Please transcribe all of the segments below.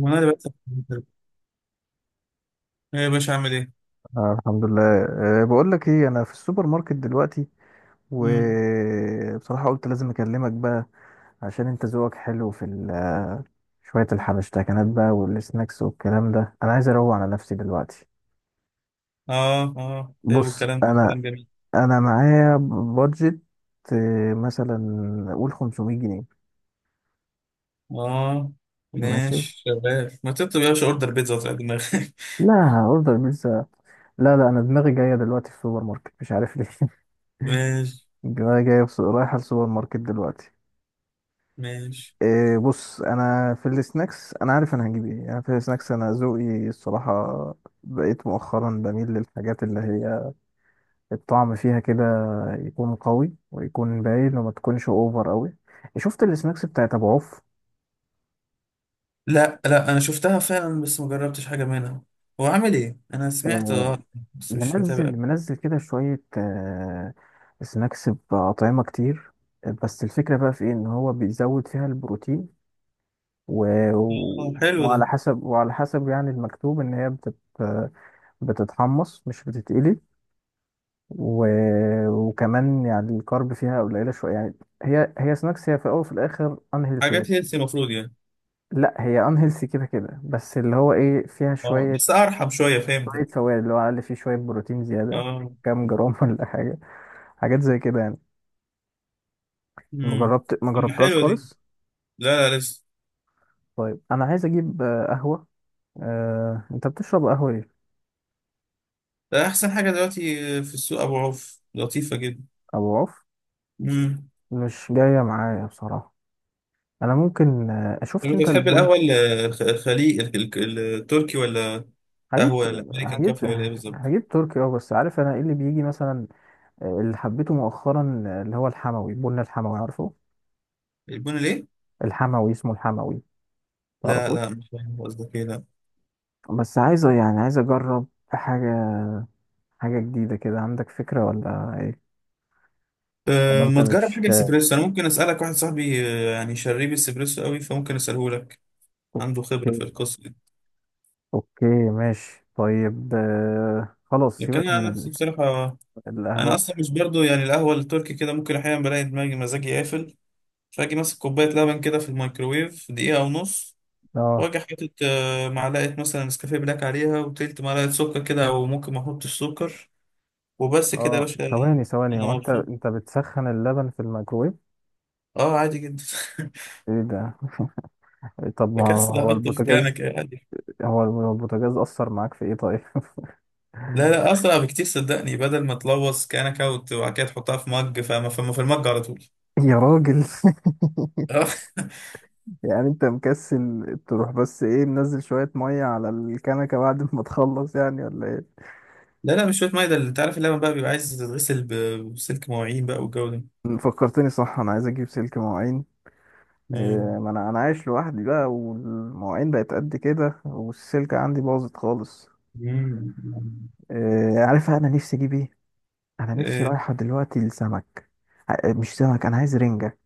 وانا اللي بكسب. ايه يا باشا اعمل ايه؟ آه، الحمد لله. بقول لك ايه، انا في السوبر ماركت دلوقتي، مم. وبصراحة قلت لازم اكلمك بقى. عشان انت ذوقك حلو في شوية الحبشتكنات بقى والسناكس والكلام ده. انا عايز اروق على نفسي دلوقتي. اه، اه، حلو بص، الكلام ده انا كلام جميل. انا معايا بادجت، مثلا قول 500 جنيه. اه، ماشي. ماشي شباب، ما تكتب يا باشا اوردر بيتزا وتعالى دماغك. لا، اوردر بيتزا. لا لا، انا دماغي جاية دلوقتي في السوبر ماركت، مش عارف ليه. ماشي. دماغي جاية رايحة السوبر ماركت دلوقتي. ماشي. إيه، بص، انا في السناكس. انا عارف انا هجيب ايه يعني. في السناكس، انا ذوقي الصراحه بقيت مؤخرا بميل للحاجات اللي هي الطعم فيها كده يكون قوي ويكون باين وما تكونش اوفر قوي. شفت السناكس بتاعت ابو عوف؟ لا، لا، انا شفتها فعلا بس ما جربتش حاجه منها. هو عامل ايه؟ انا سمعت. آه، اه، بس مش متابع. منزل منزل كده شويه، سناكس باطعمه كتير. بس الفكره بقى في ايه؟ ان هو بيزود فيها البروتين، و... اه، حلو وعلى ده. حسب وعلى حسب يعني المكتوب ان هي بتتحمص مش بتتقلي، و... وكمان يعني الكارب فيها قليله شويه يعني. هي سناكس، هي في الاول وفي الاخر انهيلثي حاجات بس. هيلثي المفروض يعني. لا، هي انهيلثي كده كده، بس اللي هو ايه فيها اه، شويه، بس ارحم شويه فهمت. شويه فوائد، اللي هو على الاقل فيه شويه بروتين زياده، اه. كام جرام ولا حاجه، حاجات زي كده يعني. امم. ما طب جربتهاش حلوه دي. خالص. لا، لا، لسه. طيب، انا عايز اجيب قهوه. انت بتشرب قهوه ايه؟ ده احسن حاجه دلوقتي. في السوق ابو عوف لطيفه جدا. ابو عوف مم. مش جايه معايا بصراحه. انا ممكن، شفت لما انت انت بتحب البن؟ القهوة الخليج التركي، ولا هجيب قهوة الأمريكان هجيب كافي، ولا إيه بالظبط؟ هجيب تركي، اه بس عارف انا ايه اللي بيجي مثلا؟ اللي حبيته مؤخرا اللي هو الحموي، بن الحموي، عارفه؟ البن ليه؟ الحموي، اسمه الحموي، لا، لا، تعرفوش؟ مش فاهم قصدك إيه. لا. بس يعني عايز اجرب حاجه، حاجه جديده كده. عندك فكره ولا ايه؟ ولا أه، انت ما تجرب مش حاجة اسبريسو. أنا ممكن أسألك واحد صاحبي يعني شريب اسبريسو قوي، فممكن أسأله لك. عنده اوكي. خبرة في القصة دي. اوكي، ماشي، طيب، خلاص، لكن سيبك أنا عن من نفسي بصراحة، أنا القهوه. أصلا مش برضو يعني القهوة التركي كده، ممكن أحيانا بلاقي دماغي مزاجي قافل. فأجي ماسك كوباية لبن كده في الميكروويف دقيقة ونص، اه، واجي حاطط معلقة مثلا نسكافيه بلاك عليها وتلت معلقة سكر كده، أو ممكن ما أحطش سكر. وبس كده يا اه، باشا. ثواني ثواني. هو انا انت مبسوط. بتسخن اللبن في الميكرويف؟ اه، عادي جدا. ايه ده! طب ما بكسل هو احط في البوتاجاز! كنكه عادي. هو البوتاجاز أثر معاك في إيه طيب؟ لا، لا، اسرع بكتير صدقني، بدل ما تلوث كنكه وبعد كده تحطها في مج، فما في المج على طول. يا راجل! اه. يعني أنت مكسل تروح بس، إيه، منزل شوية مية على الكنكة بعد ما تخلص، يعني، ولا إيه؟ لا، لا، مش شويه ميه. ده اللي انت عارف، اللبن بقى بيبقى عايز تتغسل بسلك مواعين بقى والجو ده. فكرتني صح. أنا عايز أجيب سلك مواعين. إيه، مم. ما أنا عايش لوحدي بقى، والمواعين بقت قد كده، والسلكة عندي باظت خالص. مم. إيه، عارف أنا نفسي أجيب إيه؟ أنا نفسي إيه. رايحة دلوقتي لسمك. مش سمك، أنا عايز رنجة،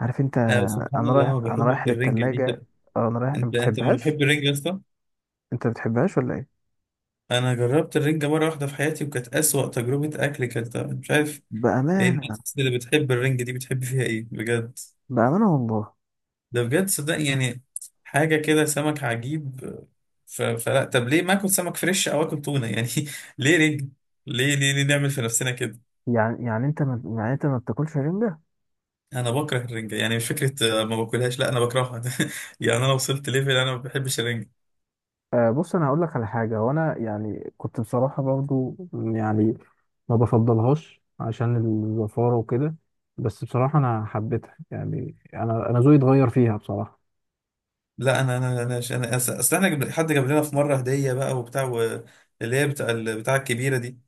عارف أنت؟ آه، سبحان أنا رايح الله ما أنا بحبش رايح الرنجة دي للتلاجة. ده. أنا رايح. ما انت من بتحبهاش؟ محب الرنجة يا اسطى. أنت ما بتحبهاش ولا إيه؟ انا جربت الرنجة مرة واحدة في حياتي، وكانت اسوأ تجربة اكل، كانت مش عارف. إيه بأمانة، الناس اللي بتحب الرنج دي بتحب فيها ايه بجد؟ بأمانة والله. ده بجد صدقني يعني، حاجة كده سمك عجيب. فلا، طب ليه ما اكل سمك فريش او اكل تونة يعني؟ ليه رنج؟ ليه، ليه، ليه نعمل في نفسنا كده؟ يعني انت ما بتاكلش رنجة؟ انا بكره الرنجة يعني، مش فكرة ما باكلهاش، لا انا بكرهها. يعني انا وصلت ليفل انا ما بحبش الرنجة. آه، بص، انا هقول لك على حاجة، وانا يعني كنت بصراحة برضو يعني، ما بفضلهاش عشان الزفارة وكده. بس بصراحة انا حبيتها يعني. انا ذوقي اتغير فيها بصراحة. لا، انا أصل احنا حد جاب لنا في مرة هدية بقى وبتاع اللي هي بتاع بتاع الكبيرة دي،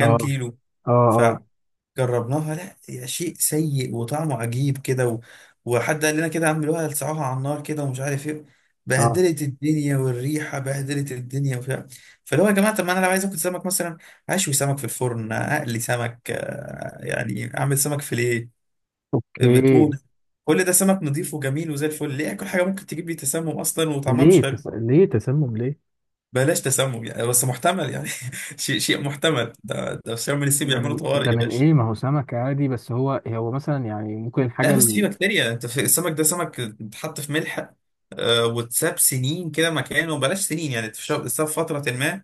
اه، كيلو. اه، اه، فجربناها، لا يا شيء سيء وطعمه عجيب كده وحد قال لنا كده اعملوها لسعوها على النار كده ومش عارف ايه. اه. بهدلت الدنيا، والريحه بهدلت الدنيا وبتاع. فاللي هو يا جماعه، طب ما انا لو عايز اكل سمك مثلا، اشوي سمك في الفرن، اقلي سمك، يعني اعمل سمك فيليه بتون. اوكي. كل ده سمك نضيف وجميل وزي الفل، ليه اكل حاجه ممكن تجيب لي تسمم اصلا وطعمها ليه مش حلو؟ ليه تسمم ليه؟ بلاش تسمم يعني، بس محتمل يعني. شيء، شيء محتمل، ده في شم النسيم ده بيعملوا من ده طوارئ يا من باشا. ايه؟ ما هو سمك عادي. بس هو مثلا يعني ممكن لا، الحاجة. بس في بكتيريا، انت في السمك ده سمك اتحط في ملح واتساب سنين كده مكانه، بلاش سنين يعني، اتساب فترة ما،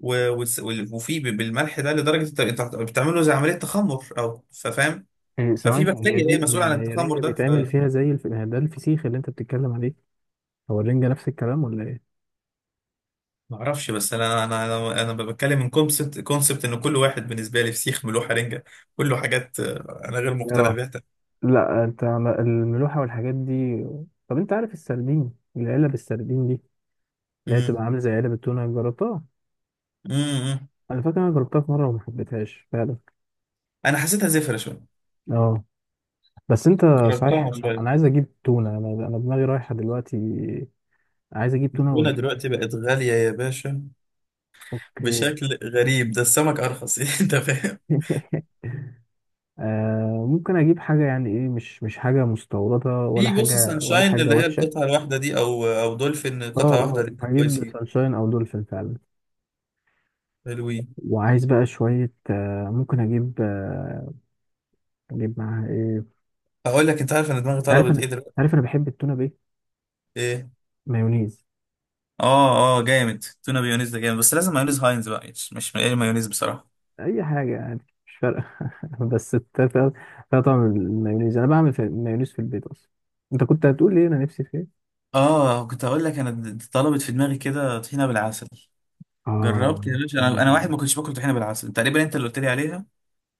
بالملح ده لدرجة انت بتعمله زي عملية تخمر او فاهم. هي ففي ثواني، هي بكتيريا دي. هي مسؤولة عن هي التخمر رنجة ده. بيتعمل فيها زي ده، الفسيخ اللي انت بتتكلم عليه. هو الرنجة نفس الكلام ولا ايه؟ فمعرفش، بس انا بتكلم من كونسبت ان كل واحد بالنسبة لي فسيخ ملوحة رنجة، كله حاجات انا غير مقتنع اه، بيها تماماً. لا، انت على الملوحة والحاجات دي. طب انت عارف السردين، العلب السردين دي اللي هي بتبقى امم. عاملة زي علب التونة، جربتها؟ امم. انا فاكر انا جربتها في مرة وما حبيتهاش فعلا. انا حسيتها زفرة شوية، اه. بس انت، صحيح، جربتها انا شوية. أنا عايز اجيب تونة. انا دماغي رايحة دلوقتي، عايز اجيب تونة التونة دلوقتي بقت غالية يا باشا، اوكي. بشكل غريب. ده السمك ارخص. انت فاهم. ممكن اجيب حاجة يعني ايه، مش حاجة مستوردة ولا في بص حاجة، ولا سانشاين حاجة اللي هي وحشة. القطعه الواحده دي، او دولفين اه، قطعه واحده، اه، الاتنين هجيب كويسين. سانشاين او دولفين فعلا. حلوين. وعايز بقى شوية، ممكن اجيب، اجيب معاها ايه؟ هقول لك، انت عارف انا دماغي انت عارف انا طلبت ايه أنت دلوقتي؟ عارف انا بحب التونة بايه؟ ايه. مايونيز. اه، اه، جامد. تونه بيونيز ده جامد، بس لازم مايونيز هاينز بقى، مش اي مايونيز بصراحه. اي حاجة يعني، مش فارقة. بس فيها طعم المايونيز. انا بعمل في مايونيز في البيت اصلا. انت كنت هتقول لي إيه؟ انا نفسي في ايه؟ اه، كنت هقول لك انا طلبت في دماغي كده طحينه بالعسل. اه، جربت يا باشا، انا واحد كان- ما كنتش باكل طحينه بالعسل تقريبا، انت اللي قلت لي عليها.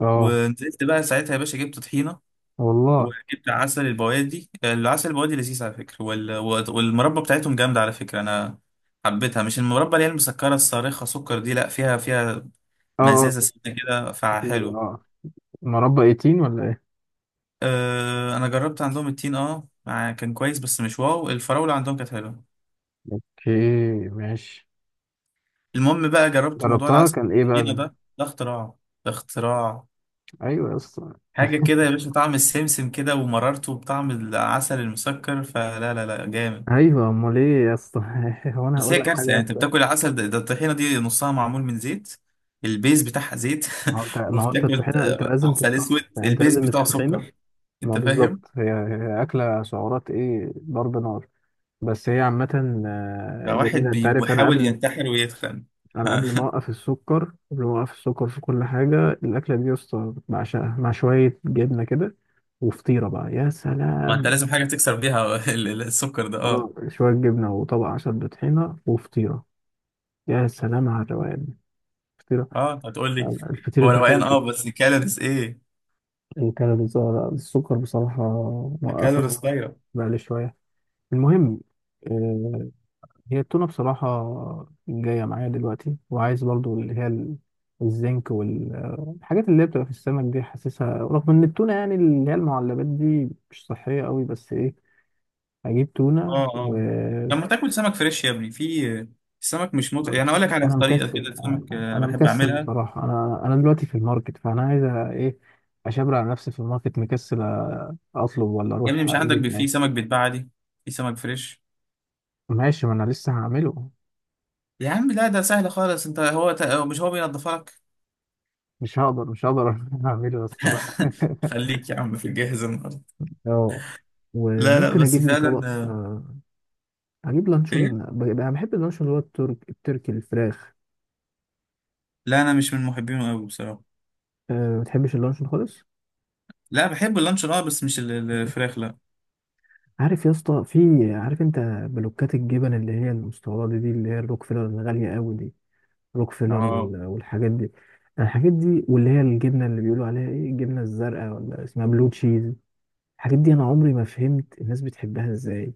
اه ونزلت بقى ساعتها يا باشا، جبت طحينه والله. وجبت عسل البوادي. العسل البوادي لذيذ على فكرة، والمربى بتاعتهم جامدة على فكرة. أنا حبيتها، مش المربى اللي هي المسكرة الصارخة سكر دي، لأ، فيها اه، اه، مزازة في سنة كده، في فحلو. اه مربى 18، ولا ايه؟ أه، أنا جربت عندهم التين. أه، كان كويس بس مش واو. الفراولة عندهم كانت حلوة. اوكي، ماشي. المهم بقى، جربت موضوع جربتها؟ العسل. كان ايه بقى التخينة ده؟ ده. ده اختراع. ده اختراع. ايوه يا اسطى. حاجة كده يا باشا، طعم السمسم كده ومررته بطعم العسل المسكر، فلا، لا، لا، جامد. ايوه، امال ايه يا اسطى! هو انا بس هي هقول لك حاجه كارثه يعني، انت وحشه. بتاكل العسل ده، ده الطحينه دي نصها معمول من زيت، البيز بتاعها زيت. ما هو انت ما هو انت وبتاكل الطحينه انت لازم عسل تستنضف اسود، يعني، انت البيز لازم بتاعه الطحينه. سكر. ما انت فاهم؟ بالظبط. هي اكله سعرات ايه، ضرب نار. بس هي عامه لو واحد جميله. انت عارف، بيحاول ينتحر ويتخن. انا قبل ما اوقف السكر، في كل حاجه، الاكله دي يا اسطى بعشقها، مع شويه جبنه كده وفطيره بقى، يا ما انت سلام. لازم حاجه تكسر بيها. السكر ده. اه. اه، شويه جبنه وطبق عسل بطحينه وفطيره، يا سلام على الروقان. فطيره اه، انت هتقول لي. الفطير هو روقان، المشلتت. اه، بس كالوريز ايه؟ الكالوريز، السكر بصراحة موقفة، كالوريز هو طايره. بقالي شوية. المهم، آه، هي التونة بصراحة جاية معايا دلوقتي، وعايز برضو اللي هي الزنك والحاجات اللي هي بتبقى في السمك دي حاسسها، رغم ان التونة يعني اللي هي المعلبات دي مش صحية قوي، بس ايه، هجيب تونة اه، اه، لما تاكل سمك فريش يا ابني، في السمك مش متعب مع يعني. اقول لك السمك. على انا طريقه مكسل كده، السمك انا أنا بحب مكسل اعملها. بصراحة. انا دلوقتي في الماركت، فانا عايز، ايه، اشبر على نفسي في الماركت، مكسل، اطلب ولا يا ابني اروح مش عندك اجيب؟ في سمك بيتباع عادي؟ في سمك فريش. ماشي، ما انا لسه هعمله. يا عم لا، ده سهل خالص. انت هو ت... هو مش هو بينضفها لك. مش هقدر، مش هقدر اعمله يا اسطى. لا. خليك يا عم في الجاهز النهارده. اه، لا، لا، وممكن بس اجيب لي طبق فعلا اجيب ايه. لانشون. انا بحب اللانشون اللي هو التركي، الفراخ. لا، انا مش من محبينه قوي بصراحه. أه ما بتحبش اللانشون خالص؟ لا، بحب اللانشون اه، بس مش الفراخ لا. عارف يا اسطى في عارف انت، بلوكات الجبن اللي هي المستورده دي، اللي هي الروكفيلر الغاليه قوي دي. روكفيلر اه، والحاجات دي، الحاجات دي، واللي هي الجبنه اللي بيقولوا عليها ايه، الجبنه الزرقاء ولا اسمها بلو تشيز، الحاجات دي انا عمري ما فهمت الناس بتحبها ازاي.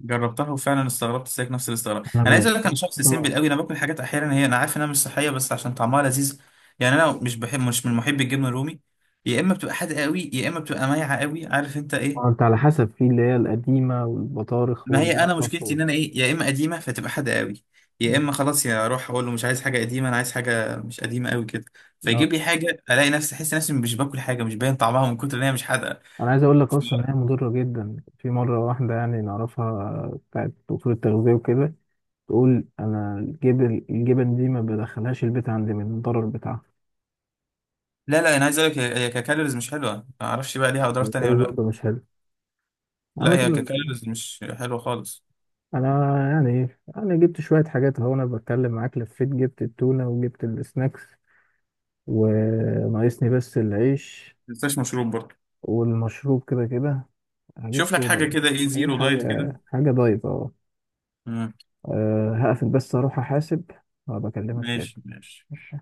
جربتها وفعلا استغربت زيك نفس الاستغراب. انا انا عايز ب... اقول لك، انا شخص سيمبل قوي، انا باكل حاجات احيانا هي انا عارف انها مش صحيه بس عشان طعمها لذيذ. يعني انا مش بحب، مش من محبي الجبنه الرومي. يا اما بتبقى حادقه قوي، يا اما بتبقى مايعه قوي، عارف انت ما ايه. انت على حسب، في اللي هي القديمة والبطارخ ما هي انا والقصب مشكلتي ان انا ايه، يا اما قديمه فتبقى حاجه قوي، يا مم. اما خلاص، يا اروح اقول له مش عايز حاجه قديمه، انا عايز حاجه مش قديمه قوي كده، لا، فيجيب لي حاجه، الاقي نفسي احس نفسي مش باكل حاجه، مش باين طعمها من كتر ان هي مش حادقه. انا عايز اقول لك اصلا ان هي مضرة جدا. في مرة واحدة يعني نعرفها بتاعت دكتور التغذية وكده، تقول انا، الجبن دي ما بدخلهاش البيت عندي من الضرر بتاعها. لا، لا، انا عايز اقول لك، هي هي ككالوريز مش حلوه، ما اعرفش بقى ليها اضرار تانية الجهاز ولا لا. برضه مش حلو لا عامة. هي ككالوريز مش حلوه خالص. انا يعني إيه، انا جبت شوية حاجات اهو، انا بتكلم معاك لفيت، جبت التونة وجبت السناكس، وناقصني بس العيش. ما تنساش مشروب برضه. والمشروب كده كده. هجيب شوف لك صودا حاجه بقى. كده، ايه هجيب زيرو دايت كده. حاجة دايت، اه. مم. هقفل بس اروح احاسب، وابقى اكلمك تاني. ماشي. ماشي. ماشي.